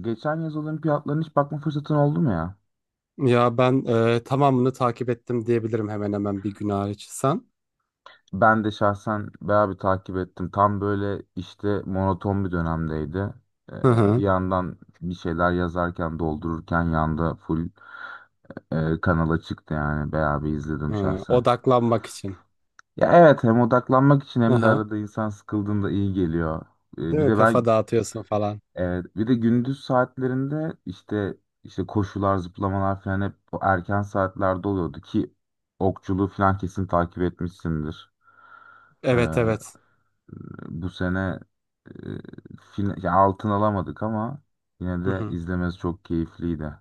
Geçen yaz olimpiyatlarına hiç bakma fırsatın oldu mu ya? Ya ben tamamını takip ettim diyebilirim hemen hemen bir gün hariç. Sen? Ben de şahsen bayağı bir takip ettim. Tam böyle işte monoton bir dönemdeydi. Hı Bir hı. yandan bir şeyler yazarken, doldururken yanda full kanala çıktı yani. Bayağı bir izledim Hı, şahsen. odaklanmak için. Ya evet, hem odaklanmak için Hı hem de hı. arada insan sıkıldığında iyi geliyor. Değil Bir mi? de ben Kafa dağıtıyorsun falan. evet, bir de gündüz saatlerinde işte koşular, zıplamalar falan hep bu erken saatlerde oluyordu ki okçuluğu falan kesin takip etmişsindir. Evet evet. Ee, Bu sene, e, ya altın alamadık ama yine Hı de hı. izlemesi çok keyifliydi.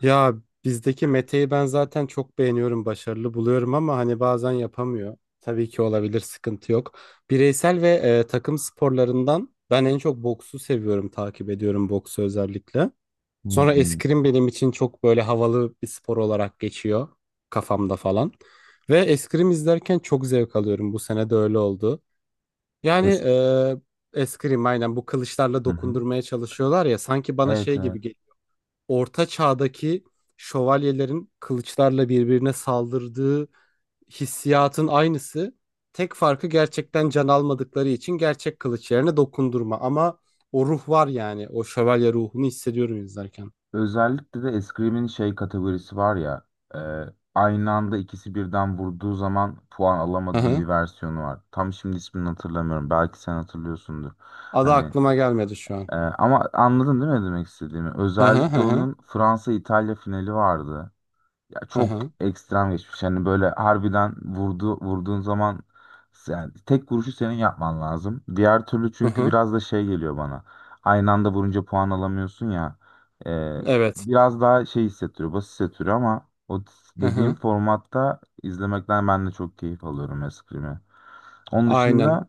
Ya bizdeki Mete'yi ben zaten çok beğeniyorum, başarılı buluyorum ama hani bazen yapamıyor. Tabii ki olabilir, sıkıntı yok. Bireysel ve takım sporlarından ben en çok boksu seviyorum, takip ediyorum boksu özellikle. Sonra Hmm. eskrim benim için çok böyle havalı bir spor olarak geçiyor kafamda falan. Ve eskrim izlerken çok zevk alıyorum. Bu sene de öyle oldu. Yani Es- eskrim aynen bu kılıçlarla Hı hı. dokundurmaya çalışıyorlar ya sanki bana Evet, şey evet. gibi geliyor. Orta çağdaki şövalyelerin kılıçlarla birbirine saldırdığı hissiyatın aynısı. Tek farkı gerçekten can almadıkları için gerçek kılıç yerine dokundurma. Ama o ruh var yani. O şövalye ruhunu hissediyorum izlerken. Özellikle de eskrimin şey kategorisi var ya, e, aynı anda ikisi birden vurduğu zaman puan alamadığım bir versiyonu var. Tam şimdi ismini hatırlamıyorum. Belki sen hatırlıyorsundur. Adı Hani, aklıma gelmedi şu an. Ama anladın değil mi ne demek istediğimi? Hı hı Özellikle hı hı onun Fransa-İtalya finali vardı. Ya hı çok hı ekstrem geçmiş. Yani böyle harbiden vurdu, vurduğun zaman yani tek vuruşu senin yapman lazım. Diğer türlü hı çünkü hı. biraz da şey geliyor bana. Aynı anda vurunca puan alamıyorsun ya. Ee, Evet. Biraz daha şey hissettiriyor, basit hissettiriyor ama o Hı dediğim hı. formatta izlemekten ben de çok keyif alıyorum eskimi. Onun Aynen. dışında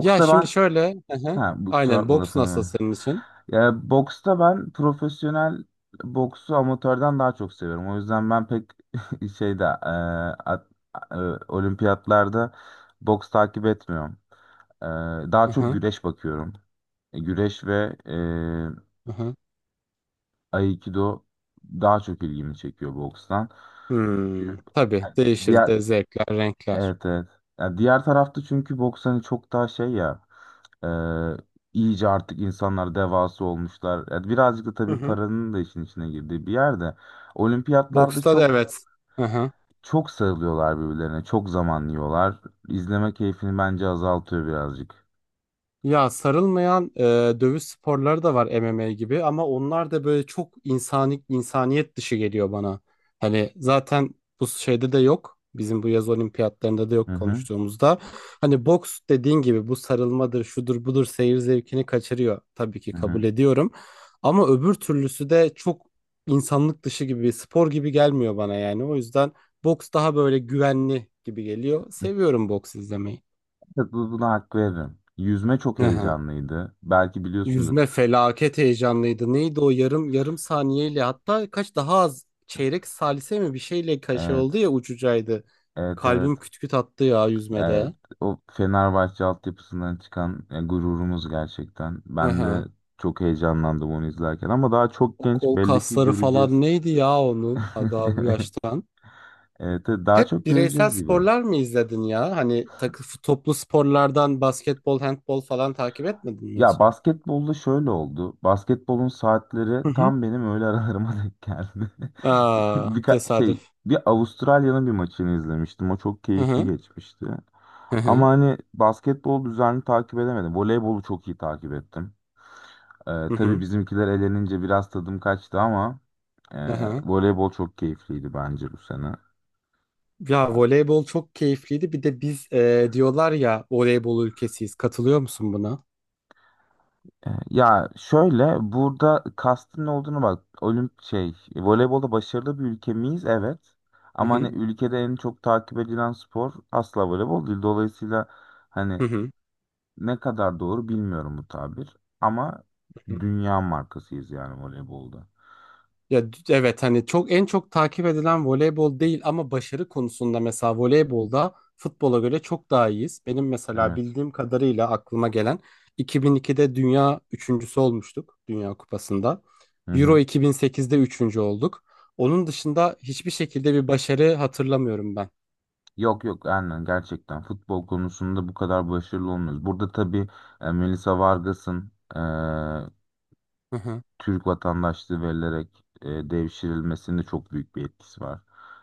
Ya şimdi ben şöyle. Hı hı. ha, bu kusura Aynen. bakma Boks nasıl lafını. senin için? Ya, boksta ben profesyonel boksu amatörden daha çok seviyorum. O yüzden ben pek şeyde at- e, olimpiyatlarda boks takip etmiyorum. E, Daha Hı çok hı güreş bakıyorum. Güreş ve hı hı. Aikido daha çok ilgimi çekiyor bokstan. Hmm, Çünkü tabii yani değişir diğer de zevkler, renkler. evet, evet. Yani diğer tarafta çünkü boks hani çok daha şey ya. Ee, iyice artık insanlar devası olmuşlar. Yani birazcık da Hı tabii hı. paranın da işin içine girdiği bir yerde. Olimpiyatlarda Boksta da çok evet. Hı hı. çok sarılıyorlar birbirlerine. Çok zaman yiyorlar. İzleme keyfini bence azaltıyor birazcık. Ya sarılmayan dövüş sporları da var MMA gibi ama onlar da böyle çok insani insaniyet dışı geliyor bana. Hani zaten bu şeyde de yok. Bizim bu yaz olimpiyatlarında da Hı yok hı. konuştuğumuzda. Hani boks dediğin gibi bu sarılmadır, şudur budur seyir zevkini kaçırıyor. Tabii ki Hı kabul hı. ediyorum. Ama öbür türlüsü de çok insanlık dışı gibi, spor gibi gelmiyor bana yani. O yüzden boks daha böyle güvenli gibi geliyor. Seviyorum boks izlemeyi. Evet, buna hak veririm. Yüzme çok heyecanlıydı. Belki biliyorsundur. Yüzme felaket heyecanlıydı. Neydi o yarım yarım saniyeyle hatta kaç daha az çeyrek salise mi bir şeyle kaşe Evet. oldu ya ucucaydı. Evet, evet. Kalbim küt küt attı ya Evet. yüzmede. O Fenerbahçe altyapısından çıkan gururumuz gerçekten. Hı Ben de hı. çok heyecanlandım onu izlerken, ama daha çok O genç, kol belli ki kasları falan göreceğiz. neydi ya onun daha bu yaştan. Evet, evet, daha Hep çok bireysel göreceğiz gibi. sporlar mı izledin ya? Hani takı toplu sporlardan basketbol, handbol falan takip etmedin mi Ya hiç? basketbolda şöyle oldu. Basketbolun saatleri Hı hı. tam benim öğle aralarıma denk geldi. Aa, tesadüf. Bir Avustralya'nın bir maçını izlemiştim. O çok Hı keyifli hı. geçmişti. Hı hı. Ama hani basketbol düzenli takip edemedim. Voleybolu çok iyi takip ettim. Hı Tabii hı. bizimkiler elenince biraz tadım kaçtı ama e, Hı hı. voleybol çok keyifliydi bence bu sene. Ya voleybol çok keyifliydi. Bir de biz diyorlar ya voleybol ülkesiyiz. Katılıyor musun buna? Ya şöyle, burada kastın ne olduğunu bak. Olimp şey voleybolda başarılı bir ülke miyiz? Evet. Hı Ama hani hı. ülkede en çok takip edilen spor asla voleybol değil. Dolayısıyla hani Hı hı. ne kadar doğru bilmiyorum bu tabir. Ama Hı hı. dünya markasıyız yani voleybolda. Ya evet hani çok en çok takip edilen voleybol değil ama başarı konusunda mesela voleybolda futbola göre çok daha iyiyiz. Benim mesela Evet. bildiğim kadarıyla aklıma gelen 2002'de dünya üçüncüsü olmuştuk Dünya Kupası'nda. Hı Euro hı. 2008'de üçüncü olduk. Onun dışında hiçbir şekilde bir başarı hatırlamıyorum ben. Yok yok, aynen, gerçekten futbol konusunda bu kadar başarılı olmuyoruz. Burada tabii Melissa Vargas'ın, Hı hı. Türk vatandaşlığı verilerek devşirilmesinde çok büyük bir etkisi var.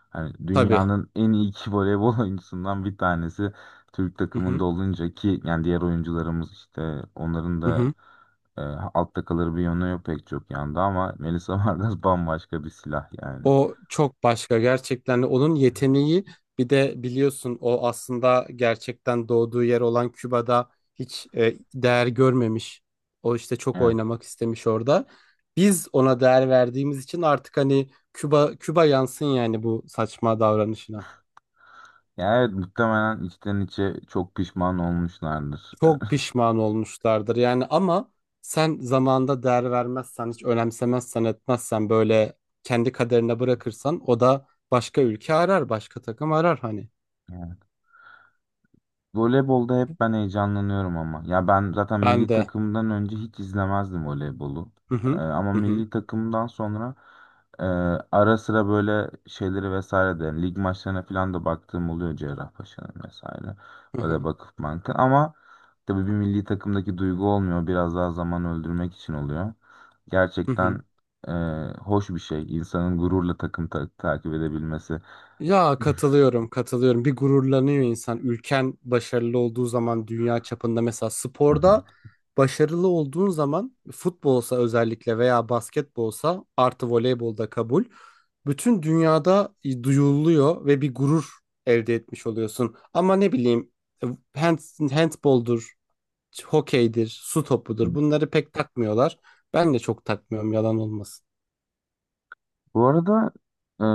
Hani Tabii. dünyanın en iyi iki voleybol oyuncusundan bir tanesi Türk Hı takımında hı. olunca ki yani diğer oyuncularımız işte onların Hı da hı. e, altta kalır bir yönü yok pek çok yanda, ama Melisa Vargas bambaşka bir silah yani. O çok başka gerçekten onun yeteneği bir de biliyorsun o aslında gerçekten doğduğu yer olan Küba'da hiç değer görmemiş. O işte çok Evet. oynamak istemiş orada. Biz ona değer verdiğimiz için artık hani Küba Küba yansın yani bu saçma davranışına. Yani evet, muhtemelen içten içe çok pişman olmuşlardır. Çok pişman olmuşlardır yani ama sen zamanında değer vermezsen, hiç önemsemezsen, etmezsen böyle kendi kaderine bırakırsan o da başka ülke arar, başka takım arar hani. Voleybolda hep ben heyecanlanıyorum ama. Ya ben zaten Ben milli de. takımdan önce hiç izlemezdim voleybolu. Hı hı. Ama Hı hı. milli takımdan sonra e, ara sıra böyle şeyleri vesaire de lig maçlarına falan da baktığım oluyor Cerrahpaşa'nın vesaire. Hı Böyle hı. bakıp bankın ama tabii bir milli takımdaki duygu olmuyor. Biraz daha zaman öldürmek için oluyor. Hı hı. Gerçekten e, hoş bir şey, insanın gururla takım takip edebilmesi. Ya katılıyorum, katılıyorum. Bir gururlanıyor insan. Ülken başarılı olduğu zaman dünya çapında mesela Hı sporda başarılı olduğun zaman futbolsa özellikle veya basketbolsa artı voleybolda kabul. Bütün dünyada duyuluyor ve bir gurur elde etmiş oluyorsun. Ama ne bileyim e, hand, handboldur, hokeydir, su hı. topudur bunları pek takmıyorlar. Ben de çok takmıyorum yalan olmasın. Bu arada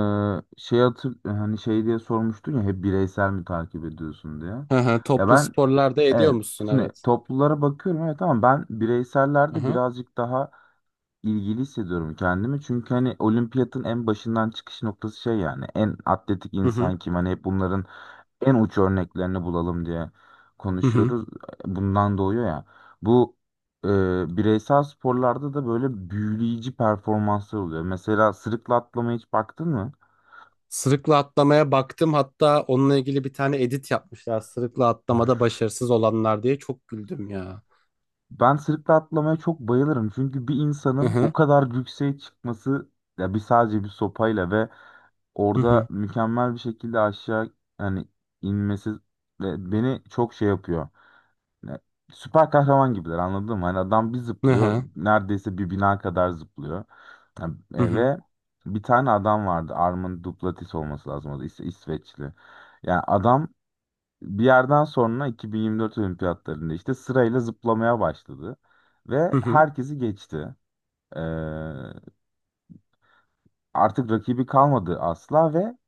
şey hatır hani şey diye sormuştun ya hep bireysel mi takip ediyorsun diye. Hı hı, Ya toplu ben sporlarda ediyor evet, musun? şimdi Evet. toplulara bakıyorum, evet, ama ben Hı bireysellerde hı. birazcık daha ilgili hissediyorum kendimi. Çünkü hani olimpiyatın en başından çıkış noktası şey, yani en atletik Hı hı. insan kim, hani hep bunların en uç örneklerini bulalım diye Hı hı. konuşuyoruz. Bundan doğuyor ya. Bu, e, bireysel sporlarda da böyle büyüleyici performanslar oluyor. Mesela sırıkla atlamaya hiç baktın mı? Sırıkla atlamaya baktım. Hatta onunla ilgili bir tane edit yapmışlar. Sırıkla atlamada başarısız olanlar diye çok güldüm ya. Ben sırıkla atlamaya çok bayılırım. Çünkü bir Hı insanın o hı. kadar yükseğe çıkması, ya bir, sadece bir sopayla ve Hı orada hı. mükemmel bir şekilde aşağı yani inmesi ve beni çok şey yapıyor. Ya, süper kahraman gibiler, anladın mı? Hani adam bir Hı zıplıyor, hı. neredeyse bir bina kadar zıplıyor. Ha, Hı hı. ve bir tane adam vardı. Armin Duplantis olması lazım. O da İsveçli. Yani adam bir yerden sonra 2024 olimpiyatlarında işte sırayla zıplamaya başladı. Hı Ve hı. herkesi geçti. Ee, Artık rakibi kalmadı asla ve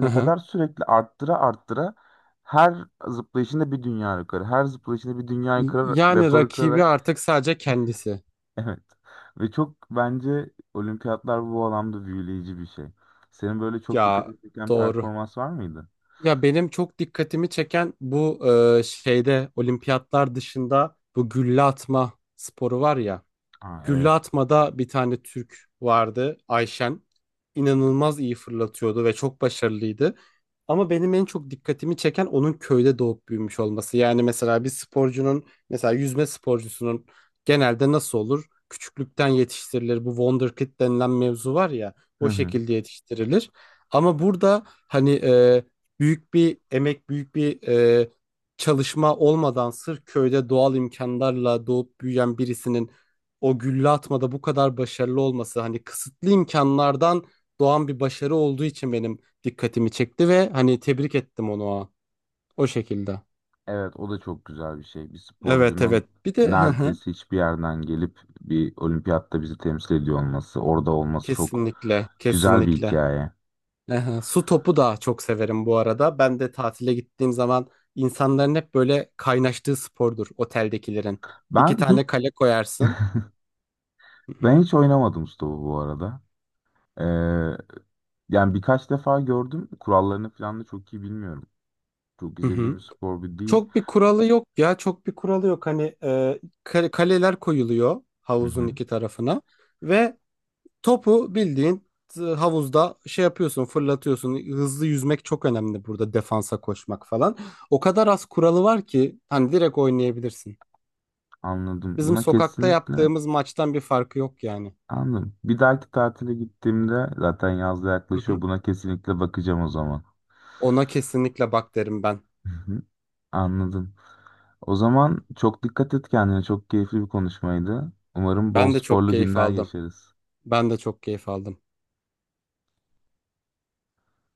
Hı hı. kadar sürekli arttıra arttıra her zıplayışında bir dünya rekoru, her zıplayışında bir dünya rekoru, Yani rekoru rakibi kırarak artık sadece kendisi. evet. Ve çok bence olimpiyatlar bu alanda büyüleyici bir şey. Senin böyle çok dikkat Ya çeken doğru. performans var mıydı? Ya benim çok dikkatimi çeken bu şeyde olimpiyatlar dışında bu gülle atma sporu var ya. Aa, Gülle evet. atmada bir tane Türk vardı Ayşen. İnanılmaz iyi fırlatıyordu ve çok başarılıydı. Ama benim en çok dikkatimi çeken onun köyde doğup büyümüş olması. Yani mesela bir sporcunun mesela yüzme sporcusunun genelde nasıl olur? Küçüklükten yetiştirilir. Bu wonderkid denilen mevzu var ya Hı o hı. şekilde yetiştirilir. Ama burada hani büyük bir emek, büyük bir çalışma olmadan sırf köyde doğal imkanlarla doğup büyüyen birisinin o gülle atmada bu kadar başarılı olması hani kısıtlı imkanlardan doğan bir başarı olduğu için benim dikkatimi çekti ve hani tebrik ettim onu o şekilde. Evet, o da çok güzel bir şey. Bir Evet sporcunun evet. Bir de hı hı. neredeyse hiçbir yerden gelip bir olimpiyatta bizi temsil ediyor olması, orada olması çok Kesinlikle güzel bir kesinlikle. hikaye. Hı hı. Su topu da çok severim bu arada. Ben de tatile gittiğim zaman insanların hep böyle kaynaştığı spordur oteldekilerin. İki Ben hiç tane kale koyarsın. Hı Ben hı. hiç oynamadım stopu bu arada. Ee, Yani birkaç defa gördüm. Kurallarını falan da çok iyi bilmiyorum. Çok Hı izlediğim hı. bir spor bir değil. Çok bir kuralı yok ya çok bir kuralı yok hani kaleler koyuluyor Hı havuzun hı, iki tarafına ve topu bildiğin havuzda şey yapıyorsun fırlatıyorsun hızlı yüzmek çok önemli burada defansa koşmak falan o kadar az kuralı var ki hani direkt oynayabilirsin anladım. bizim Buna sokakta kesinlikle yaptığımız maçtan bir farkı yok yani. anladım. Bir dahaki tatile gittiğimde zaten yaz da Hı yaklaşıyor. hı. Buna kesinlikle bakacağım o zaman. Ona kesinlikle bak derim ben. Hı hı, anladım. O zaman çok dikkat et kendine. Çok keyifli bir konuşmaydı. Umarım bol Ben de çok sporlu keyif günler aldım. geçeriz. Ben de çok keyif aldım.